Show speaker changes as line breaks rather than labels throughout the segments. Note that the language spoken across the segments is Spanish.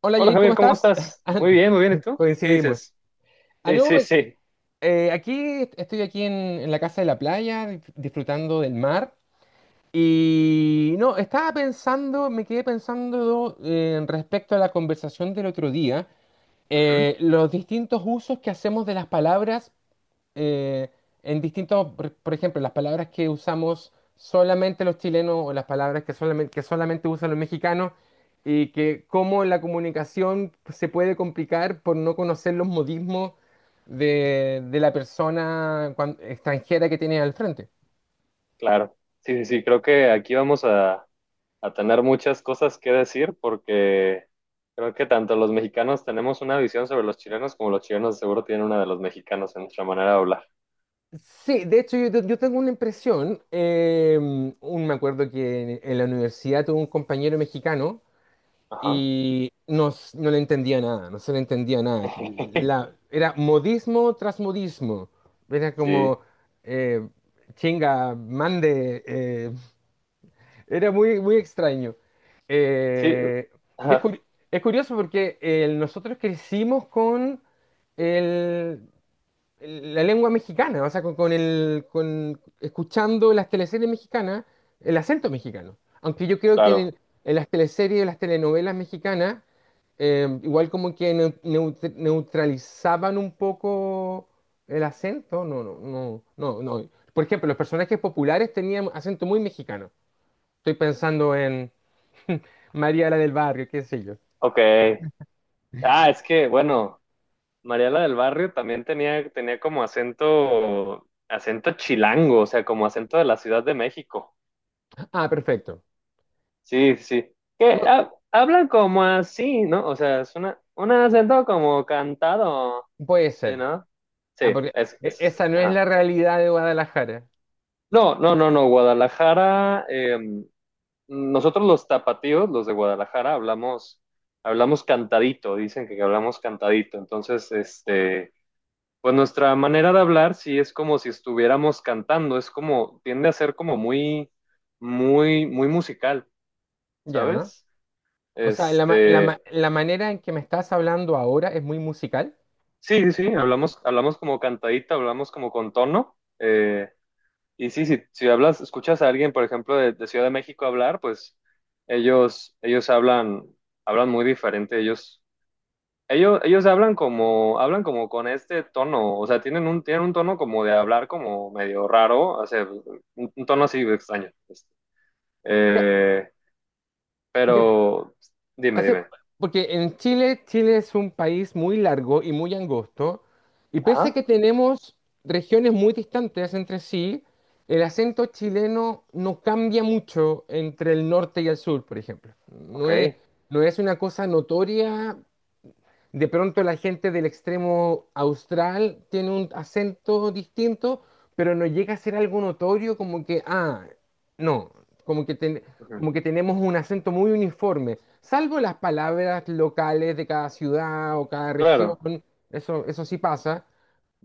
Hola
Hola
Jair, ¿cómo
Javier, ¿cómo
estás?
estás?
Ah, no,
Muy bien, muy bien. ¿Y tú? ¿Qué
coincidimos.
dices?
Ah,
Sí,
no,
sí, sí.
aquí estoy aquí en, la casa de la playa, disfrutando del mar. Y no, estaba pensando, me quedé pensando respecto a la conversación del otro día,
Ujú,
los distintos usos que hacemos de las palabras eh, en distintos, por ejemplo, las palabras que usamos solamente los chilenos o las palabras que solamente, usan los mexicanos y que cómo la comunicación se puede complicar por no conocer los modismos de la persona extranjera que tiene al frente.
claro. Sí, sí, sí. Creo que aquí vamos a tener muchas cosas que decir, porque creo que tanto los mexicanos tenemos una visión sobre los chilenos, como los chilenos seguro tienen una de los mexicanos en nuestra manera de hablar.
Sí, de hecho yo tengo una impresión, me acuerdo que en, la universidad tuve un compañero mexicano
Ajá.
y no, no le entendía nada, no se le entendía nada. Era modismo tras modismo. Era
Sí,
como, eh, chinga, mande. Era muy, muy extraño.
sí.
Eh, y es,
Ajá,
curi- es curioso porque nosotros crecimos con el- la lengua mexicana, o sea, escuchando las teleseries mexicanas, el acento mexicano. Aunque yo creo que en,
claro.
en las teleseries las telenovelas mexicanas igual como que neutralizaban un poco el acento. No, no, no, no, no. Por ejemplo, los personajes populares tenían acento muy mexicano. Estoy pensando en María la del Barrio, qué sé yo.
Ok. Ah, es que, bueno, Mariela del Barrio también tenía como acento, acento chilango, o sea, como acento de la Ciudad de México.
Ah, perfecto.
Sí, sí, sí. Que hablan como así, ¿no? O sea, es un acento como cantado,
Puede
¿sí,
ser.
no? Sí,
Ah, porque
es, es,
esa no es la
ajá.
realidad de Guadalajara.
No, no, no, no, Guadalajara, nosotros los tapatíos, los de Guadalajara, hablamos, cantadito, dicen que hablamos cantadito. Entonces, este, pues nuestra manera de hablar sí es como si estuviéramos cantando, es como, tiende a ser como muy, muy, muy musical,
Ya.
¿sabes?
O sea,
Este,
la manera en que me estás hablando ahora es muy musical.
sí, sí, sí, hablamos como cantadita, hablamos como con tono. Y sí, si hablas, escuchas a alguien, por ejemplo, de Ciudad de México hablar, pues ellos hablan muy diferente. Ellos, ellos hablan como con este tono. O sea, tienen un tono como de hablar como medio raro, o sea, un tono así extraño. Este.
Ya,
Eh, pero dime,
Hace,
dime.
Porque en Chile, Chile es un país muy largo y muy angosto, y pese a
Ajá,
que tenemos regiones muy distantes entre sí, el acento chileno no cambia mucho entre el norte y el sur, por ejemplo. No es,
ok.
no es una cosa notoria. De pronto la gente del extremo austral tiene un acento distinto, pero no llega a ser algo notorio como que, ah, no, como que, ten-
Ujú,
como que tenemos un acento muy uniforme, salvo las palabras locales de cada ciudad o cada región,
claro,
eso sí pasa.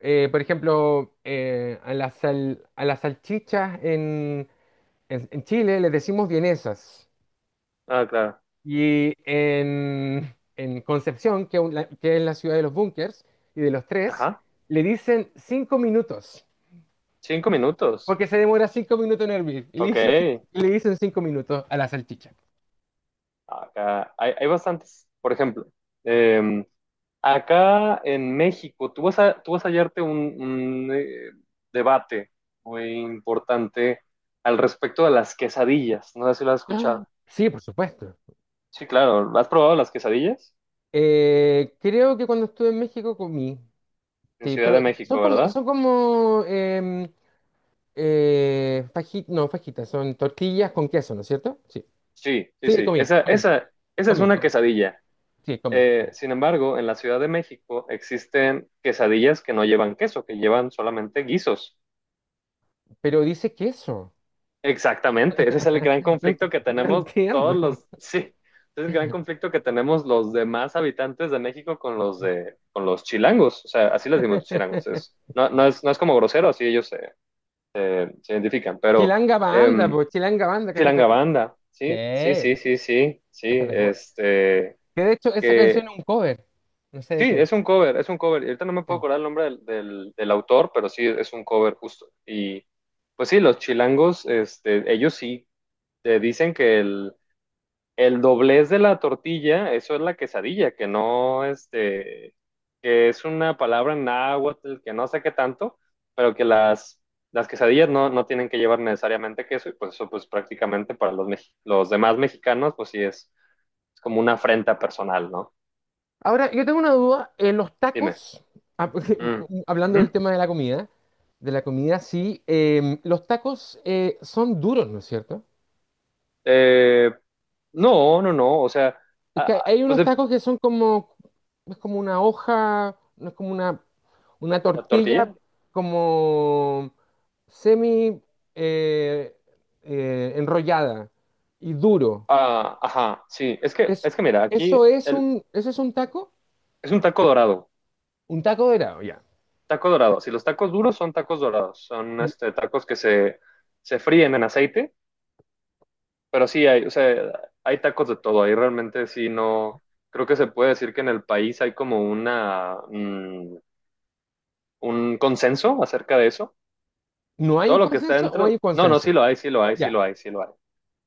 Por ejemplo, a a las salchichas en, en Chile les decimos vienesas.
ah, claro.
Y en, Concepción, que es la ciudad de los búnkers y de los tres,
Ajá,
le dicen cinco minutos,
cinco minutos.
porque se demora cinco minutos en hervir. Y le
Ok,
dicen, y le dicen cinco minutos a la salchicha.
acá hay, hay bastantes. Por ejemplo, eh, acá en México, tú vas a hallarte un debate muy importante al respecto de las quesadillas. No sé si lo has
Ah.
escuchado.
Sí, por supuesto.
Sí, claro. ¿Has probado las quesadillas?
Creo que cuando estuve en México comí.
En
Sí,
Ciudad
pero
de
son
México,
como,
¿verdad?
son como no, fajitas, son tortillas con queso, ¿no es cierto? Sí.
Sí, sí,
Sí,
sí.
comí,
Esa,
comí,
esa es
comí,
una
comí.
quesadilla.
Sí, comí.
Sin embargo, en la Ciudad de México existen quesadillas que no llevan queso, que llevan solamente guisos.
Pero dice queso.
Exactamente, ese es el gran
No,
conflicto que
no
tenemos todos
entiendo.
los, sí, ese es el gran conflicto que tenemos los demás habitantes de México con los de, con los chilangos, o sea, así les decimos chilangos, es, no, no es como grosero, así ellos se identifican, pero
Chilanga Banda,
em,
pues Chilanga Banda, Café
chilanga
Tacuba.
banda,
Sí,
sí, sí, sí, sí, sí, sí,
Café Tacuba.
este,
Que de hecho esa canción
que,
es un cover. No sé
sí,
de quién.
es un cover, y ahorita no me puedo
Eh.
acordar el nombre del autor, pero sí, es un cover justo, y pues sí, los chilangos, este, ellos sí te dicen que el doblez de la tortilla, eso es la quesadilla, que no, este, que es una palabra en náhuatl, que no sé qué tanto, pero que las quesadillas no tienen que llevar necesariamente queso, y pues eso, pues prácticamente para los demás mexicanos, pues sí es como una afrenta personal, ¿no?
Ahora, yo tengo una duda. En los
Dime.
tacos, ah,
Mm.
hablando del
Ujú.
tema de la comida, sí, los tacos son duros, ¿no es cierto?
Eh, no, no, no, o sea,
Es
ah,
que
ah,
hay
pues
unos
de
tacos que son como, es como una hoja, no es como una
la
tortilla,
tortilla.
como semi eh, enrollada y duro.
Ah, ajá, sí, es que,
Es,
es que mira, aquí el,
eso es
es un taco dorado.
un taco dorado, ya.
Taco dorado. Si los tacos duros son tacos dorados, son
Y-
este, tacos que se fríen en aceite, pero sí hay, o sea, hay tacos de todo. Ahí realmente sí no, creo que se puede decir que en el país hay como un consenso acerca de eso.
¿No hay
Todo
un
lo que está
consenso o hay un
dentro, no, no,
consenso?
sí lo hay, sí lo hay, sí
Ya.
lo hay, sí lo hay.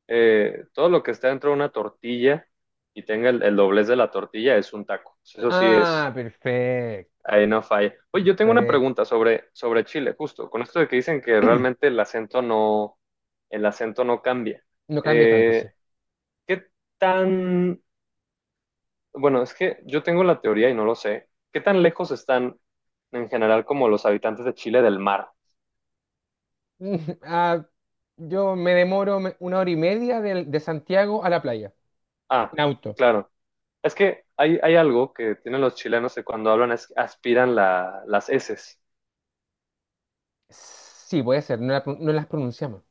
Todo lo que está dentro de una tortilla y tenga el doblez de la tortilla es un taco. Eso sí
Ah,
es.
perfecto,
Ahí no falla. Oye, yo tengo una
perfecto.
pregunta sobre Chile, justo, con esto de que dicen que realmente el acento no cambia.
No cambia tanto, sí.
Eh, ¿Qué tan, bueno, es que yo tengo la teoría y no lo sé, ¿qué tan lejos están en general como los habitantes de Chile del mar?
Ah, yo me demoro una hora y media de Santiago a la playa,
Ah,
en auto.
claro. Es que hay algo que tienen los chilenos, que cuando hablan es que aspiran las eses.
Sí, puede ser, no, no las pronunciamos.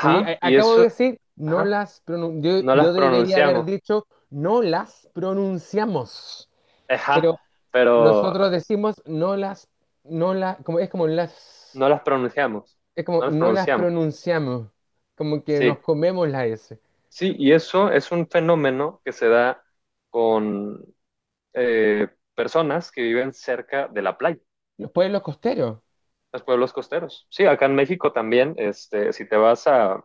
y
Acabo de
eso,
decir, no
ajá,
las. Yo,
no
yo
las
debería haber
pronunciamos.
dicho, no las pronunciamos.
Ajá,
Pero
pero
nosotros decimos, no las, no la, como, es como las,
No las pronunciamos,
es como,
no las
no las
pronunciamos.
pronunciamos. Como que nos
Sí,
comemos la S.
sí, y eso es un fenómeno que se da con eh, personas que viven cerca de la playa,
Los pueblos costeros,
los pueblos costeros. Sí, acá en México también, este, si te vas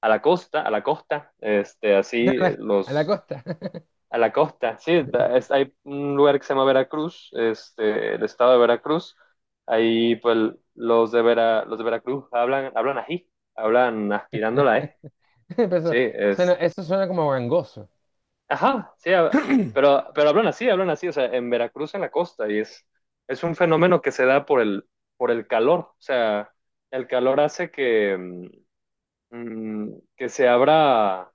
a la costa, este, así
a la
los,
costa.
a la costa, sí, hay un lugar que se llama Veracruz, este, el estado de Veracruz, ahí pues los de Veracruz hablan ají, hablan aspirando la E.
Pero
Sí,
eso suena como gangoso.
ajá, sí, pero hablan así, o sea, en Veracruz, en la costa, y es un fenómeno que se da por el calor, o sea, el calor hace que, mm, que se abra,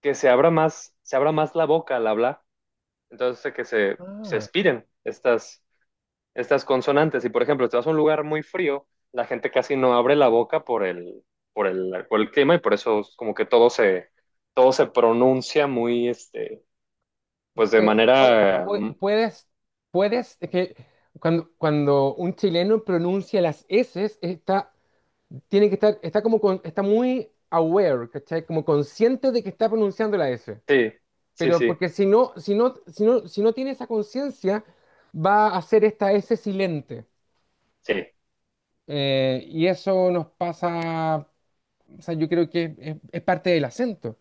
que se abra más, se abra más la boca al hablar, entonces hace que se
Ah.
expiren estas, estas consonantes, y por ejemplo, si te vas a un lugar muy frío, la gente casi no abre la boca por el, por el clima, y por eso es como que todo se pronuncia muy, este. Pues de
Pue- pue-
manera,
pue-
mm,
Puedes, puedes, es que cuando un chileno pronuncia las S, está, tiene que estar, está muy aware, ¿cachai? Como consciente de que está pronunciando la S.
sí, sí,
Pero
sí,
porque si no tiene esa conciencia, va a hacer esta S silente.
sí,
Y eso nos pasa, o sea, yo creo que es parte del acento.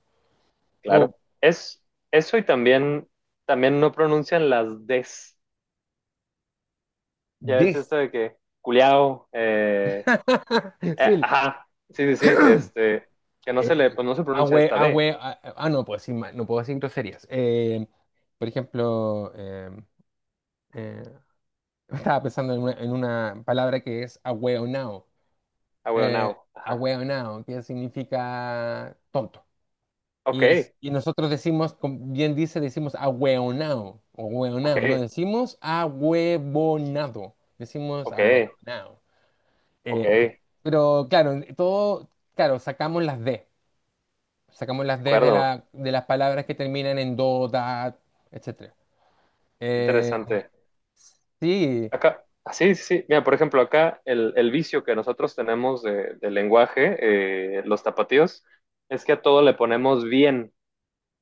O
claro. Es eso, y también no pronuncian las des. Ya es
des.
esto de que culiao,
Sí,
ajá, sí, sí, sí, este, que no se le,
El
pues no se pronuncia
ahue,
esta d,
ahue, ah, ah, ah, no puedo decir, no puedo decir groserías. Por ejemplo, eh, estaba pensando en una, palabra que es ahueonao. Eh,
ahueonao, ajá.
Ahueonao, que significa tonto.
Ok,
Y nosotros decimos, como bien dice, decimos ahueonao o
ok,
hueonao. No decimos ahuevonado, decimos
ok,
ahueonao.
ok,
En fin.
de
Pero claro, sacamos las D. Sacamos las D
acuerdo,
de las palabras que terminan en do, da, etc.
interesante.
sí,
Acá, ah, sí, sí, sí. Mira, por ejemplo, acá el vicio que nosotros tenemos del lenguaje, los tapatíos, es que a todo le ponemos bien,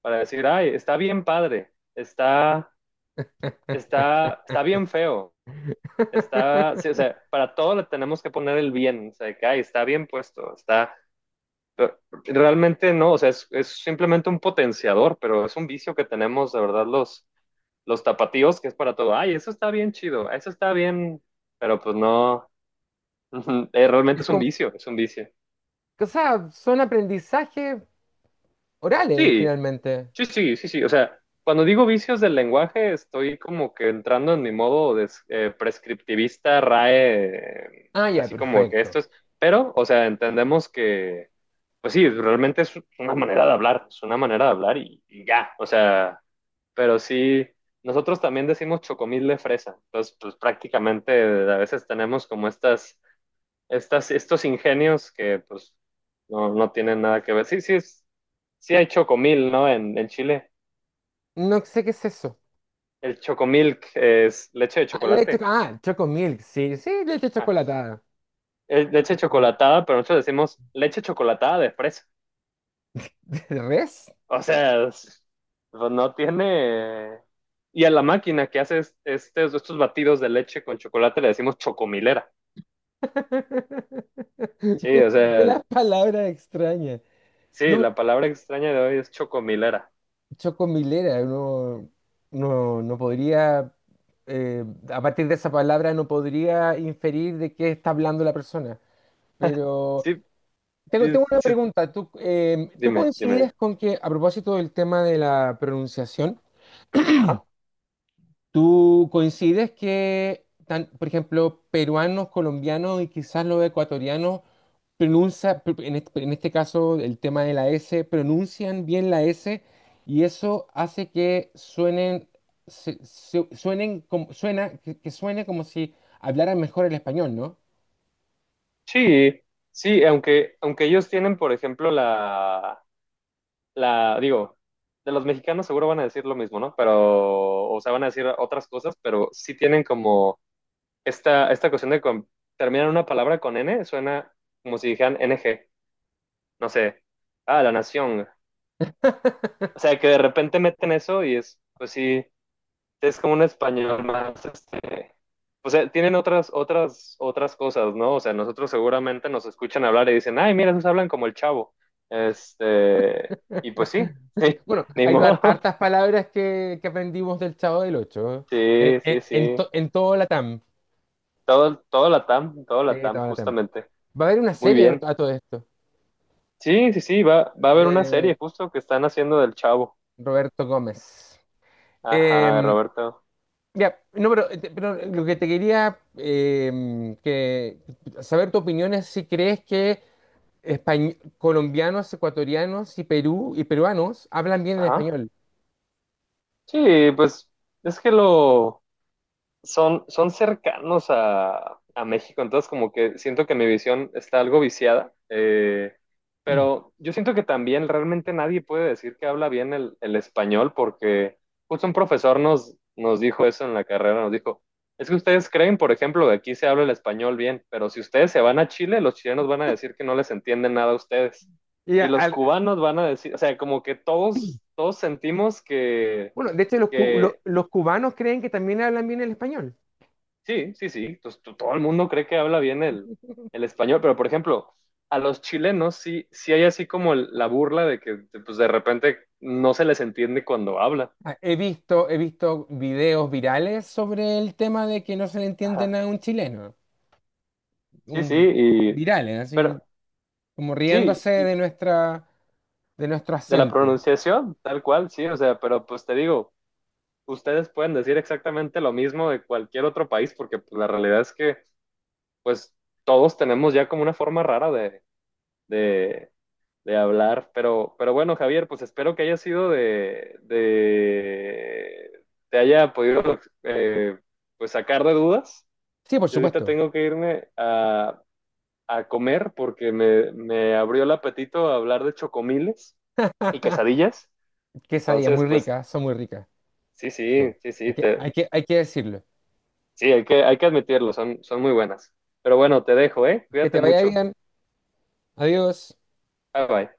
para decir, ay, está bien padre, está, está bien feo, está, sí, o sea, para todo le tenemos que poner el bien, o sea, que ay, está bien puesto, está, pero realmente no, o sea, es simplemente un potenciador, pero es un vicio que tenemos, de verdad, los tapatíos, que es para todo, ay, eso está bien chido, eso está bien, pero pues no. Ujú, realmente
es
es un
como,
vicio, es un vicio.
o sea, son aprendizajes orales
Sí,
finalmente.
sí, sí, sí, sí. O sea, cuando digo vicios del lenguaje, estoy como que entrando en mi modo de, prescriptivista, RAE,
Ah, ya,
así como que
perfecto.
esto es. Pero, o sea, entendemos que, pues sí, realmente es una manera de hablar, es una manera de hablar, y ya. O sea, pero sí, nosotros también decimos chocomil de fresa. Entonces, pues prácticamente a veces tenemos como estas, estos ingenios, que pues no, no tienen nada que ver. Sí, sí, es, sí hay chocomil, ¿no? En Chile.
No sé qué es eso.
El chocomilk es leche de
Ah, leche,
chocolate.
ah, choco sí, sí, leche
Ah,
chocolatada.
es
Leche
leche
chocolatada.
chocolatada, pero nosotros decimos leche chocolatada de fresa.
¿De res?
O sea, pues no tiene... Y a la máquina que hace estos batidos de leche con chocolate le decimos chocomilera. Sí, o
De
sea,
las palabras extrañas.
sí,
No
la palabra extraña de hoy es chocomilera.
Chocomilera, no, no, no podría, eh, a partir de esa palabra no podría inferir de qué está hablando la persona. Pero
Sí,
tengo,
sí,
tengo una
sí,
pregunta. ¿Tú
dime,
coincides
dime.
con que, a propósito del tema de la pronunciación,
Ajá.
¿tú coincides que, por ejemplo, peruanos, colombianos y quizás los ecuatorianos en este, caso el tema de la S, pronuncian bien la S y eso hace que suenen, suenen como, que suene como si hablaran mejor el español, ¿no?
Sí, sí, aunque ellos tienen, por ejemplo, la, digo, de los mexicanos seguro van a decir lo mismo, ¿no? Pero, o sea, van a decir otras cosas, pero sí tienen como esta cuestión de terminar una palabra con N, suena como si dijeran n g, no sé, ah, la nación. O sea, que de repente meten eso, y es, pues sí. Es como un español más, este, o sea, tienen otras cosas, ¿no? O sea, nosotros seguramente nos escuchan hablar y dicen, ay, mira, esos hablan como el chavo. Este, y pues sí, sí,
Bueno,
ni
hay
modo.
hartas palabras que, aprendimos del Chavo del Ocho,
Sí, sí,
en,
sí.
en todo Latam.
Todo la TAM, todo la
Sí,
TAM,
todo Latam.
justamente.
Va a haber una
Muy
serie a,
bien.
a todo esto
Sí, sí, sí, va a haber una
de
serie justo que están haciendo del chavo.
Roberto Gómez.
Ajá,
Em,
Roberto.
Ya, no, pero, pero lo que te quería saber tu opinión es si crees que colombianos, ecuatorianos y Perú y peruanos hablan bien el
Ajá.
español.
Sí, pues es que lo, son cercanos a México, entonces como que siento que mi visión está algo viciada, pero yo siento que también realmente nadie puede decir que habla bien el español, porque justo un profesor nos dijo eso en la carrera, nos dijo, es que ustedes creen, por ejemplo, que aquí se habla el español bien, pero si ustedes se van a Chile, los chilenos van a decir que no les entienden nada a ustedes.
Y
Y
a-
los
al-
cubanos van a decir, o sea, como que todos sentimos que,
bueno, de hecho
que
los cubanos creen que también hablan bien el español.
Sí, sí, sí. Entonces todo el mundo cree que habla bien el español, pero por ejemplo, a los chilenos sí, sí hay así como la burla de que pues, de repente no se les entiende cuando hablan.
Ah, He visto videos virales sobre el tema de que no se le entiende
Ajá.
nada a un chileno,
Sí, sí,
un
y,
virales, así
pero
como
sí,
riéndose
y
de nuestro
de la
acento.
pronunciación, tal cual, sí, o sea, pero pues te digo, ustedes pueden decir exactamente lo mismo de cualquier otro país, porque pues, la realidad es que pues todos tenemos ya como una forma rara de, de de hablar. Pero bueno, Javier, pues espero que haya sido de te haya podido pues sacar de dudas.
Sí, por
Yo ahorita
supuesto.
tengo que irme a comer, porque me abrió el apetito a hablar de chocomiles y quesadillas.
Quesadillas muy
Entonces, pues
ricas, son muy ricas.
sí,
Sí.
sí, sí,
Hay
sí,
que,
te,
hay que, hay que decirlo.
sí, hay que admitirlo, son muy buenas. Pero bueno, te dejo, ¿eh?
Que
Cuídate
te vaya
mucho.
bien. Adiós.
Bye bye.